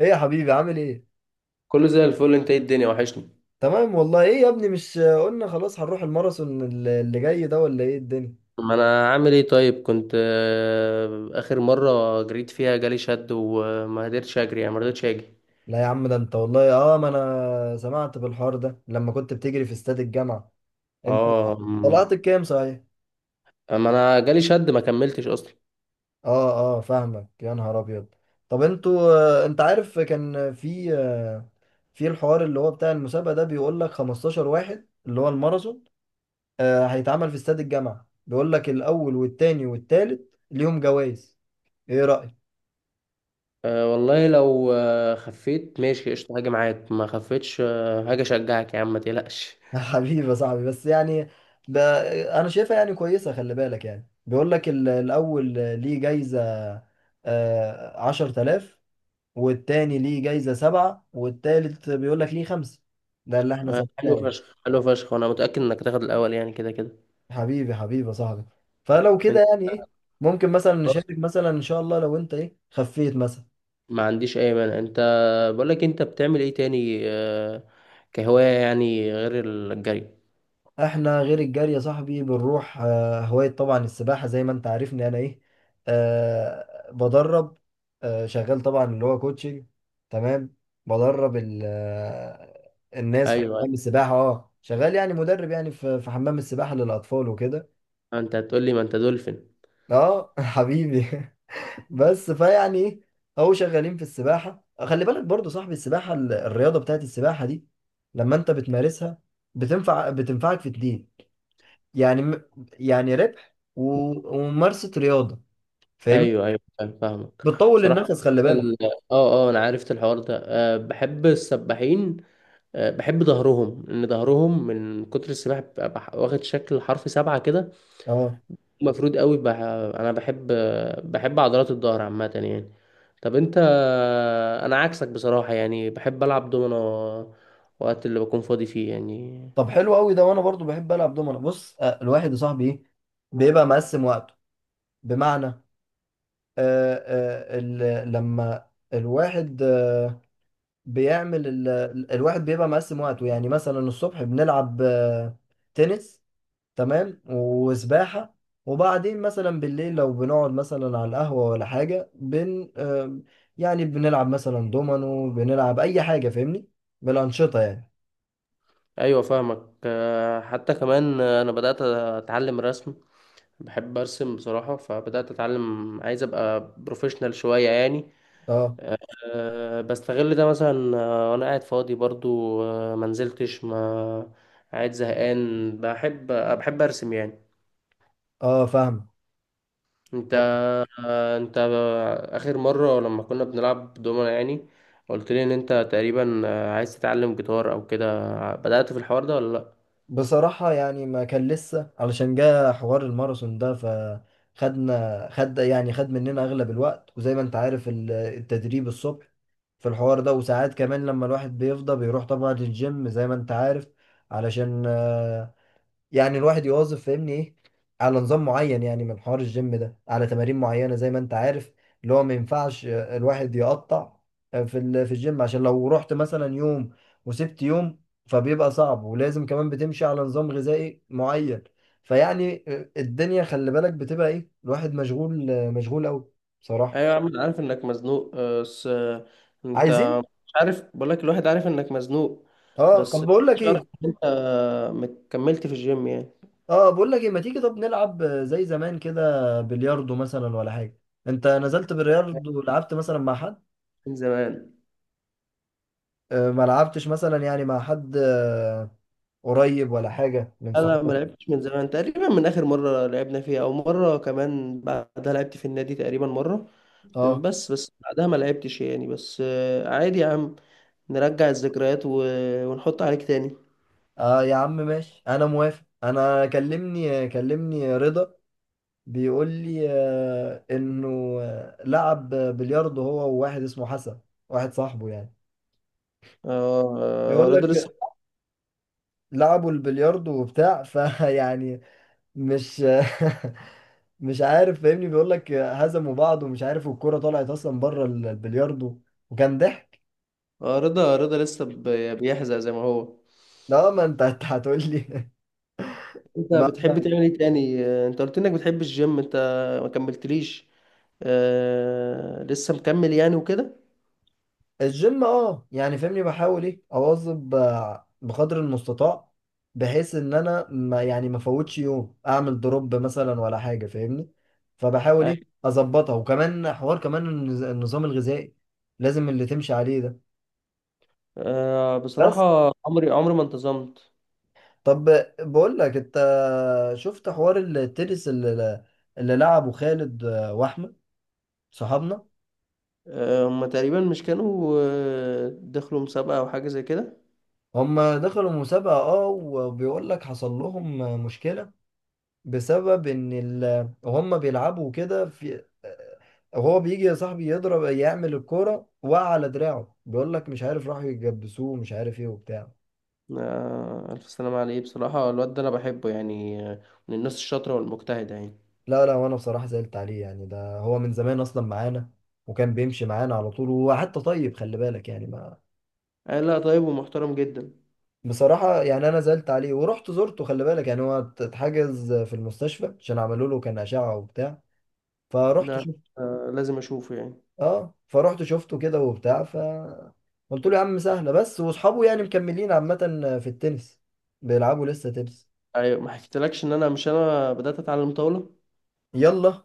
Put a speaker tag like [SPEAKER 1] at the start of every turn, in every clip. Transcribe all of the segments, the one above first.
[SPEAKER 1] ايه يا حبيبي، عامل ايه؟
[SPEAKER 2] كله زي الفل، انت؟ ايه الدنيا؟ وحشني.
[SPEAKER 1] تمام والله. ايه يا ابني، مش قلنا خلاص هنروح الماراثون اللي جاي ده، ولا ايه الدنيا؟
[SPEAKER 2] ما انا عامل ايه؟ طيب، كنت اخر مرة جريت فيها جالي شد وما قدرتش اجري، يعني ما رضيتش اجي.
[SPEAKER 1] لا يا عم، ده انت والله. اه، ما انا سمعت بالحوار ده لما كنت بتجري في استاد الجامعة. انت
[SPEAKER 2] اه،
[SPEAKER 1] طلعت الكام صحيح؟
[SPEAKER 2] اما انا جالي شد ما كملتش اصلا.
[SPEAKER 1] اه اه، فاهمك يا نهار ابيض. طب انتوا، انت عارف كان في، في الحوار اللي هو بتاع المسابقة ده، بيقول لك 15 واحد اللي هو الماراثون، هيتعمل في استاد الجامعة. بيقول لك الاول والتاني والتالت ليهم جوائز. ايه رأيك؟
[SPEAKER 2] أه والله، لو خفيت ماشي قشطة هاجي معاك، ما خفيتش هاجي اشجعك. يا عم ما تقلقش.
[SPEAKER 1] حبيبي يا صاحبي، بس يعني ب... انا شايفها يعني كويسه. خلي بالك، يعني بيقول لك الاول ليه جايزه 10,000، والتاني ليه جايزه سبعة، والتالت بيقول لك ليه خمسة. ده اللي احنا
[SPEAKER 2] أه
[SPEAKER 1] سمعناه.
[SPEAKER 2] حلو
[SPEAKER 1] يعني
[SPEAKER 2] فشخ، حلو فشخ. وانا متأكد انك هتاخد الاول يعني، كده كده.
[SPEAKER 1] حبيبي حبيبي يا صاحبي، فلو كده
[SPEAKER 2] انت؟
[SPEAKER 1] يعني ايه، ممكن مثلا
[SPEAKER 2] خلاص،
[SPEAKER 1] نشارك، مثلا ان شاء الله لو انت ايه، خفيت مثلا.
[SPEAKER 2] ما عنديش اي مانع. انت، بقول لك، انت بتعمل ايه تاني كهواية يعني، غير الجري؟
[SPEAKER 1] احنا غير الجري يا صاحبي بنروح هواية، طبعا السباحة، زي ما انت عارفني انا ايه. أه بدرب، أه شغال طبعا، اللي هو كوتشنج. تمام. بدرب الناس في
[SPEAKER 2] ايوه،
[SPEAKER 1] حمام السباحة. اه شغال، يعني مدرب يعني في حمام السباحة للأطفال وكده.
[SPEAKER 2] ما انت هتقول لي ما انت دولفين.
[SPEAKER 1] اه حبيبي بس فيعني ايه، اهو شغالين في السباحة. خلي بالك برضو صاحبي، السباحة، الرياضة بتاعت السباحة دي لما انت بتمارسها بتنفعك في اتنين. يعني يعني ربح وممارسة رياضة. فاهمني؟
[SPEAKER 2] ايوه، ايوه، فاهمك.
[SPEAKER 1] بتطول
[SPEAKER 2] صراحه،
[SPEAKER 1] النفس، خلي بالك.
[SPEAKER 2] ال- اه انا عرفت الحوار ده، بحب السباحين. بحب ظهرهم، لان ظهرهم من كتر السباحه بيبقى واخد شكل حرف سبعه كده.
[SPEAKER 1] اه،
[SPEAKER 2] مفروض قوي، انا بحب. بحب عضلات الظهر عامه يعني. طب انت؟ انا عكسك بصراحه يعني، بحب العب دومنا وقت اللي بكون فاضي فيه يعني.
[SPEAKER 1] طب حلو قوي ده. وانا برضو بحب العب دومنة. بص الواحد يا صاحبي ايه، بيبقى مقسم وقته. بمعنى لما الواحد بيعمل الواحد بيبقى مقسم وقته. يعني مثلا الصبح بنلعب تنس، تمام، وسباحة. وبعدين مثلا بالليل، لو بنقعد مثلا على القهوة ولا حاجة، بن آم، يعني بنلعب مثلا دومينو، بنلعب أي حاجة. فاهمني؟ بالأنشطة يعني.
[SPEAKER 2] ايوه فاهمك. حتى كمان، انا بدات اتعلم رسم. بحب ارسم بصراحه، فبدات اتعلم، عايز ابقى بروفيشنال شويه يعني.
[SPEAKER 1] اه
[SPEAKER 2] بستغل ده مثلا، وانا قاعد فاضي برضو. ما نزلتش، ما قاعد زهقان، بحب ارسم يعني.
[SPEAKER 1] اه فاهم.
[SPEAKER 2] انت
[SPEAKER 1] طب
[SPEAKER 2] انت اخر مره لما كنا بنلعب دومنا يعني، قلت لي ان انت تقريبا، عايز تتعلم جيتار او كده. بدات في الحوار ده ولا لا؟
[SPEAKER 1] بصراحة يعني ما كان لسه، علشان جه حوار الماراثون ده، فخدنا خد مننا أغلب الوقت. وزي ما أنت عارف التدريب الصبح في الحوار ده، وساعات كمان لما الواحد بيفضى بيروح طبعا للجيم، زي ما أنت عارف، علشان يعني الواحد يواظب، فاهمني ايه، على نظام معين. يعني من حوار الجيم ده، على تمارين معينة زي ما انت عارف، اللي هو ما ينفعش الواحد يقطع في الجيم. عشان لو رحت مثلا يوم وسبت يوم، فبيبقى صعب. ولازم كمان بتمشي على نظام غذائي معين. فيعني الدنيا خلي بالك بتبقى ايه، الواحد مشغول مشغول قوي بصراحة.
[SPEAKER 2] ايوه يا عم، انا عارف انك مزنوق، بس انت،
[SPEAKER 1] عايزين،
[SPEAKER 2] مش عارف، بقول لك، الواحد عارف انك مزنوق.
[SPEAKER 1] اه
[SPEAKER 2] بس
[SPEAKER 1] طب بقول لك
[SPEAKER 2] مش عارف
[SPEAKER 1] ايه،
[SPEAKER 2] ان انت مكملت في الجيم يعني.
[SPEAKER 1] اه بقول لك ايه، ما تيجي طب نلعب زي زمان كده، بلياردو مثلا ولا حاجه. انت نزلت بلياردو، لعبت مثلا مع حد
[SPEAKER 2] من زمان.
[SPEAKER 1] ما لعبتش مثلا يعني مع حد قريب ولا حاجه من
[SPEAKER 2] انا ما
[SPEAKER 1] صحابك؟
[SPEAKER 2] لعبتش من زمان، تقريبا من اخر مره لعبنا فيها، او مره كمان بعدها لعبت في النادي تقريبا مره.
[SPEAKER 1] اه
[SPEAKER 2] بس بعدها ما لعبتش يعني، بس عادي يا عم، نرجع الذكريات ونحط عليك تاني.
[SPEAKER 1] اه يا عم ماشي، انا موافق. انا كلمني رضا، بيقول لي انه لعب بلياردو هو وواحد اسمه حسن، واحد صاحبه يعني.
[SPEAKER 2] اه،
[SPEAKER 1] بيقول
[SPEAKER 2] رضا لسه؟
[SPEAKER 1] لك لعبوا البلياردو وبتاع فيعني مش مش عارف. فاهمني؟ بيقول لك هزموا بعض ومش عارف، والكرة طلعت اصلا بره البلياردو، وكان ضحك.
[SPEAKER 2] اه، رضا لسه بيحزق زي ما هو؟
[SPEAKER 1] لا ما انت أنت هتقول لي.
[SPEAKER 2] انت
[SPEAKER 1] ما
[SPEAKER 2] بتحب
[SPEAKER 1] ما-
[SPEAKER 2] تعمل ايه تاني؟ انت قلت انك بتحب الجيم. انت ما كملتليش؟ لسه مكمل يعني وكده؟
[SPEAKER 1] الجيم، اه يعني فاهمني، بحاول ايه اواظب بقدر المستطاع، بحيث ان انا ما يعني ما فوتش يوم اعمل دروب مثلا ولا حاجة. فاهمني؟ فبحاول
[SPEAKER 2] أيوة.
[SPEAKER 1] ايه اظبطها، وكمان حوار، كمان النظام الغذائي لازم اللي تمشي عليه ده. بس،
[SPEAKER 2] بصراحة عمري عمري ما انتظمت.
[SPEAKER 1] طب بقول لك انت، شفت حوار التنس اللي، اللي لعبه خالد واحمد صحابنا؟
[SPEAKER 2] هما تقريبا مش كانوا، دخلوا مسابقة أو حاجة زي كده؟
[SPEAKER 1] هم دخلوا مسابقة، اه، وبيقول لك حصل لهم مشكلة، بسبب ان هم بيلعبوا كده. في هو بيجي يا صاحبي يضرب يعمل الكورة، وقع على دراعه، بيقول لك مش عارف راحوا يجبسوه مش عارف ايه وبتاع.
[SPEAKER 2] ألف سلامة عليه. بصراحة الواد ده أنا بحبه يعني، من الناس الشاطرة والمجتهدة يعني.
[SPEAKER 1] لا لا، وانا بصراحة زعلت عليه. يعني ده هو من زمان اصلا معانا، وكان بيمشي معانا على طول، وهو حتى طيب، خلي بالك يعني.
[SPEAKER 2] آه، لا، طيب ومحترم جدا.
[SPEAKER 1] بصراحة يعني أنا زعلت عليه، ورحت زرته. خلي بالك يعني هو اتحجز في المستشفى، عشان عملوا له كان أشعة وبتاع. فرحت
[SPEAKER 2] لا،
[SPEAKER 1] شفت.
[SPEAKER 2] لازم أشوفه يعني.
[SPEAKER 1] اه فرحت شفته كده وبتاع، ف قلت له يا عم سهلة. بس وأصحابه يعني مكملين عامة في التنس، بيلعبوا لسه تنس.
[SPEAKER 2] أيوة، ما حكيتلكش إن أنا مش أنا بدأت أتعلم طاولة.
[SPEAKER 1] يلا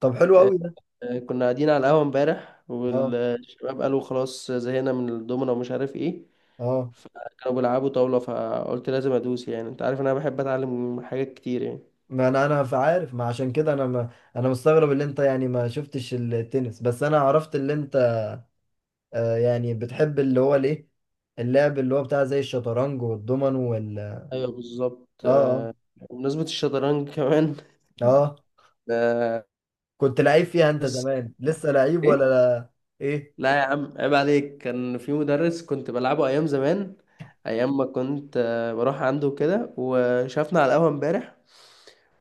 [SPEAKER 1] طب حلو قوي ده.
[SPEAKER 2] كنا قاعدين على القهوة امبارح،
[SPEAKER 1] اه
[SPEAKER 2] والشباب قالوا خلاص زهقنا من الدومينو ومش عارف ايه.
[SPEAKER 1] اه،
[SPEAKER 2] فكانوا بيلعبوا طاولة، فقلت لازم ادوس، يعني انت عارف ان انا بحب اتعلم حاجات كتير يعني.
[SPEAKER 1] ما انا عارف. ما عشان كده انا، ما انا مستغرب اللي انت يعني ما شفتش التنس، بس انا عرفت اللي انت آه، يعني بتحب اللي هو الايه، اللعب اللي هو بتاع زي الشطرنج والضمن.
[SPEAKER 2] ايوه بالظبط.
[SPEAKER 1] اه
[SPEAKER 2] بمناسبة الشطرنج كمان،
[SPEAKER 1] اه اه،
[SPEAKER 2] آه،
[SPEAKER 1] كنت لعيب فيها انت
[SPEAKER 2] بس
[SPEAKER 1] زمان، لسه لعيب
[SPEAKER 2] ايه.
[SPEAKER 1] ولا لا؟ ايه،
[SPEAKER 2] لا يا عم، عيب عليك، كان في مدرس كنت بلعبه ايام زمان، ايام ما كنت بروح عنده كده، وشافنا على القهوة امبارح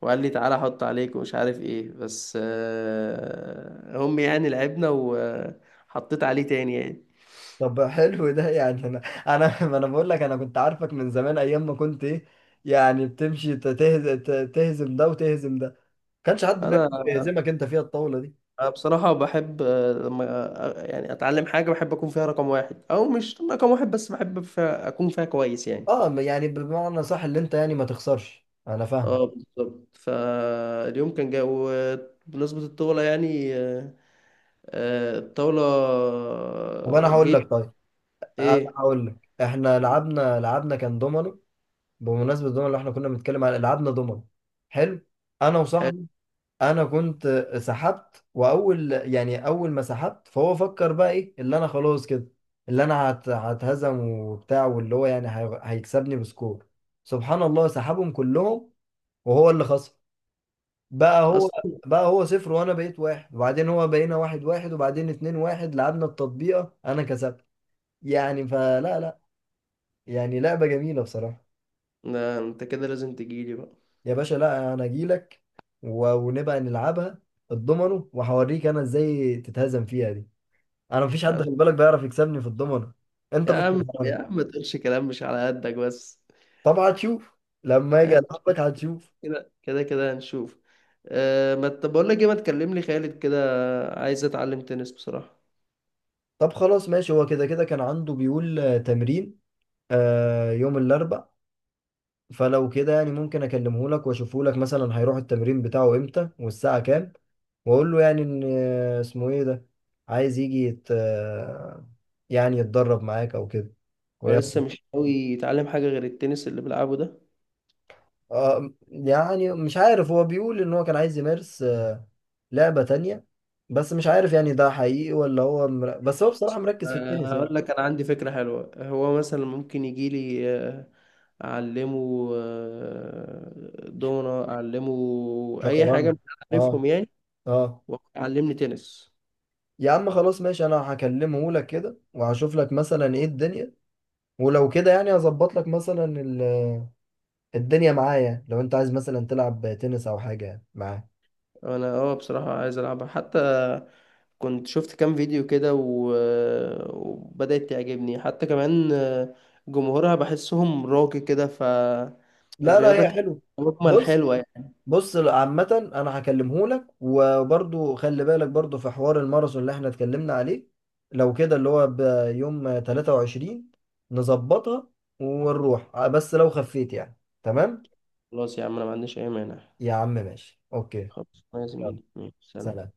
[SPEAKER 2] وقال لي تعالى احط عليك ومش عارف ايه، بس هم يعني، لعبنا وحطيت عليه تاني يعني.
[SPEAKER 1] طب حلو ده. يعني انا ما انا بقول لك، انا كنت عارفك من زمان، ايام ما كنت ايه، يعني بتمشي تهزم، تهزم ده وتهزم ده. ما كانش حد بيعرف
[SPEAKER 2] انا
[SPEAKER 1] يهزمك انت فيها الطاولة دي.
[SPEAKER 2] أنا بصراحة بحب، لما يعني اتعلم حاجة، بحب اكون فيها رقم واحد او مش رقم واحد، بس بحب فيها اكون فيها كويس يعني.
[SPEAKER 1] اه يعني بمعنى صح، اللي انت يعني ما تخسرش. انا فاهمك.
[SPEAKER 2] اه بالظبط. فاليوم كان جاي، وبمناسبة الطاولة يعني، الطاولة.
[SPEAKER 1] طب انا هقول
[SPEAKER 2] جيت
[SPEAKER 1] لك، طيب انا
[SPEAKER 2] ايه؟
[SPEAKER 1] هقول لك احنا لعبنا كان دومينو. بمناسبة الدومينو، اللي احنا كنا بنتكلم على، لعبنا دومينو حلو انا
[SPEAKER 2] حلو
[SPEAKER 1] وصاحبي. انا كنت سحبت، واول يعني اول ما سحبت فهو فكر بقى ايه، اللي انا خلاص كده، اللي انا هتهزم وبتاع، واللي هو يعني هيكسبني بسكور. سبحان الله، سحبهم كلهم وهو اللي خسر. بقى هو
[SPEAKER 2] اصلا.
[SPEAKER 1] بقى هو صفر، وانا بقيت واحد، وبعدين هو بقينا واحد واحد، وبعدين اتنين واحد لعبنا التطبيقة انا كسبت. يعني فلا لا، يعني لعبة جميلة بصراحة.
[SPEAKER 2] لا، انت كده لازم تجيلي بقى.
[SPEAKER 1] يا باشا لا، انا اجيلك ونبقى نلعبها الضمنه، وهوريك انا ازاي تتهزم فيها دي. انا مفيش حد خلي بالك بيعرف يكسبني في الضمنه، انت
[SPEAKER 2] يا
[SPEAKER 1] في
[SPEAKER 2] عم، يا
[SPEAKER 1] الشطرنج.
[SPEAKER 2] عم، ما تقولش كلام مش على قدك بس.
[SPEAKER 1] طب هتشوف لما اجي العبك، هتشوف.
[SPEAKER 2] كده كده كده هنشوف. ما ت- بقول لك ايه، ما تكلم لي خالد كده، عايز اتعلم تنس بصراحة.
[SPEAKER 1] طب خلاص ماشي، هو كده كده كان عنده بيقول تمرين آه يوم الاربع. فلو كده يعني ممكن اكلمه لك واشوفه لك مثلا هيروح التمرين بتاعه امتى والساعه كام، واقول له يعني ان اسمه ايه ده عايز يجي يت... آه، يعني يتدرب معاك او كده وياخد.
[SPEAKER 2] ولسه مش قوي يتعلم حاجة غير التنس اللي بلعبه ده؟
[SPEAKER 1] آه، يعني مش عارف، هو بيقول ان هو كان عايز يمارس لعبة تانية. بس مش عارف يعني ده حقيقي ولا هو بس هو بصراحة مركز في التنس
[SPEAKER 2] هقول
[SPEAKER 1] يعني.
[SPEAKER 2] لك، انا عندي فكرة حلوة. هو مثلا ممكن يجي لي اعلمه دومنا، اعلمه اي حاجه
[SPEAKER 1] شطرنج.
[SPEAKER 2] مش عارفهم
[SPEAKER 1] اه
[SPEAKER 2] يعني،
[SPEAKER 1] اه
[SPEAKER 2] وعلمني تنس.
[SPEAKER 1] يا عم خلاص ماشي، انا هكلمه لك كده وهشوف لك مثلا ايه الدنيا. ولو كده يعني هظبط لك مثلا الدنيا معايا، لو انت عايز مثلا تلعب تنس او حاجة معاه.
[SPEAKER 2] انا، بصراحه عايز العبها حتى، كنت شفت كام فيديو كده و... آه، وبدات تعجبني حتى كمان، جمهورها بحسهم راقي كده،
[SPEAKER 1] لا لا،
[SPEAKER 2] فالرياضه
[SPEAKER 1] هي
[SPEAKER 2] كانت
[SPEAKER 1] حلو.
[SPEAKER 2] مجمل
[SPEAKER 1] بص
[SPEAKER 2] حلوه يعني.
[SPEAKER 1] بص، عامة أنا هكلمه لك. وبرضو خلي بالك، برضو في حوار الماراثون اللي احنا اتكلمنا عليه، لو كده اللي هو بيوم 23 نظبطها ونروح. بس لو خفيت يعني. تمام.
[SPEAKER 2] خلاص يا عم، انا ما عنديش اي مانع.
[SPEAKER 1] يا عم ماشي، أوكي.
[SPEAKER 2] خلاص يا
[SPEAKER 1] يلا
[SPEAKER 2] زميلي، ماشي، سلام.
[SPEAKER 1] سلام.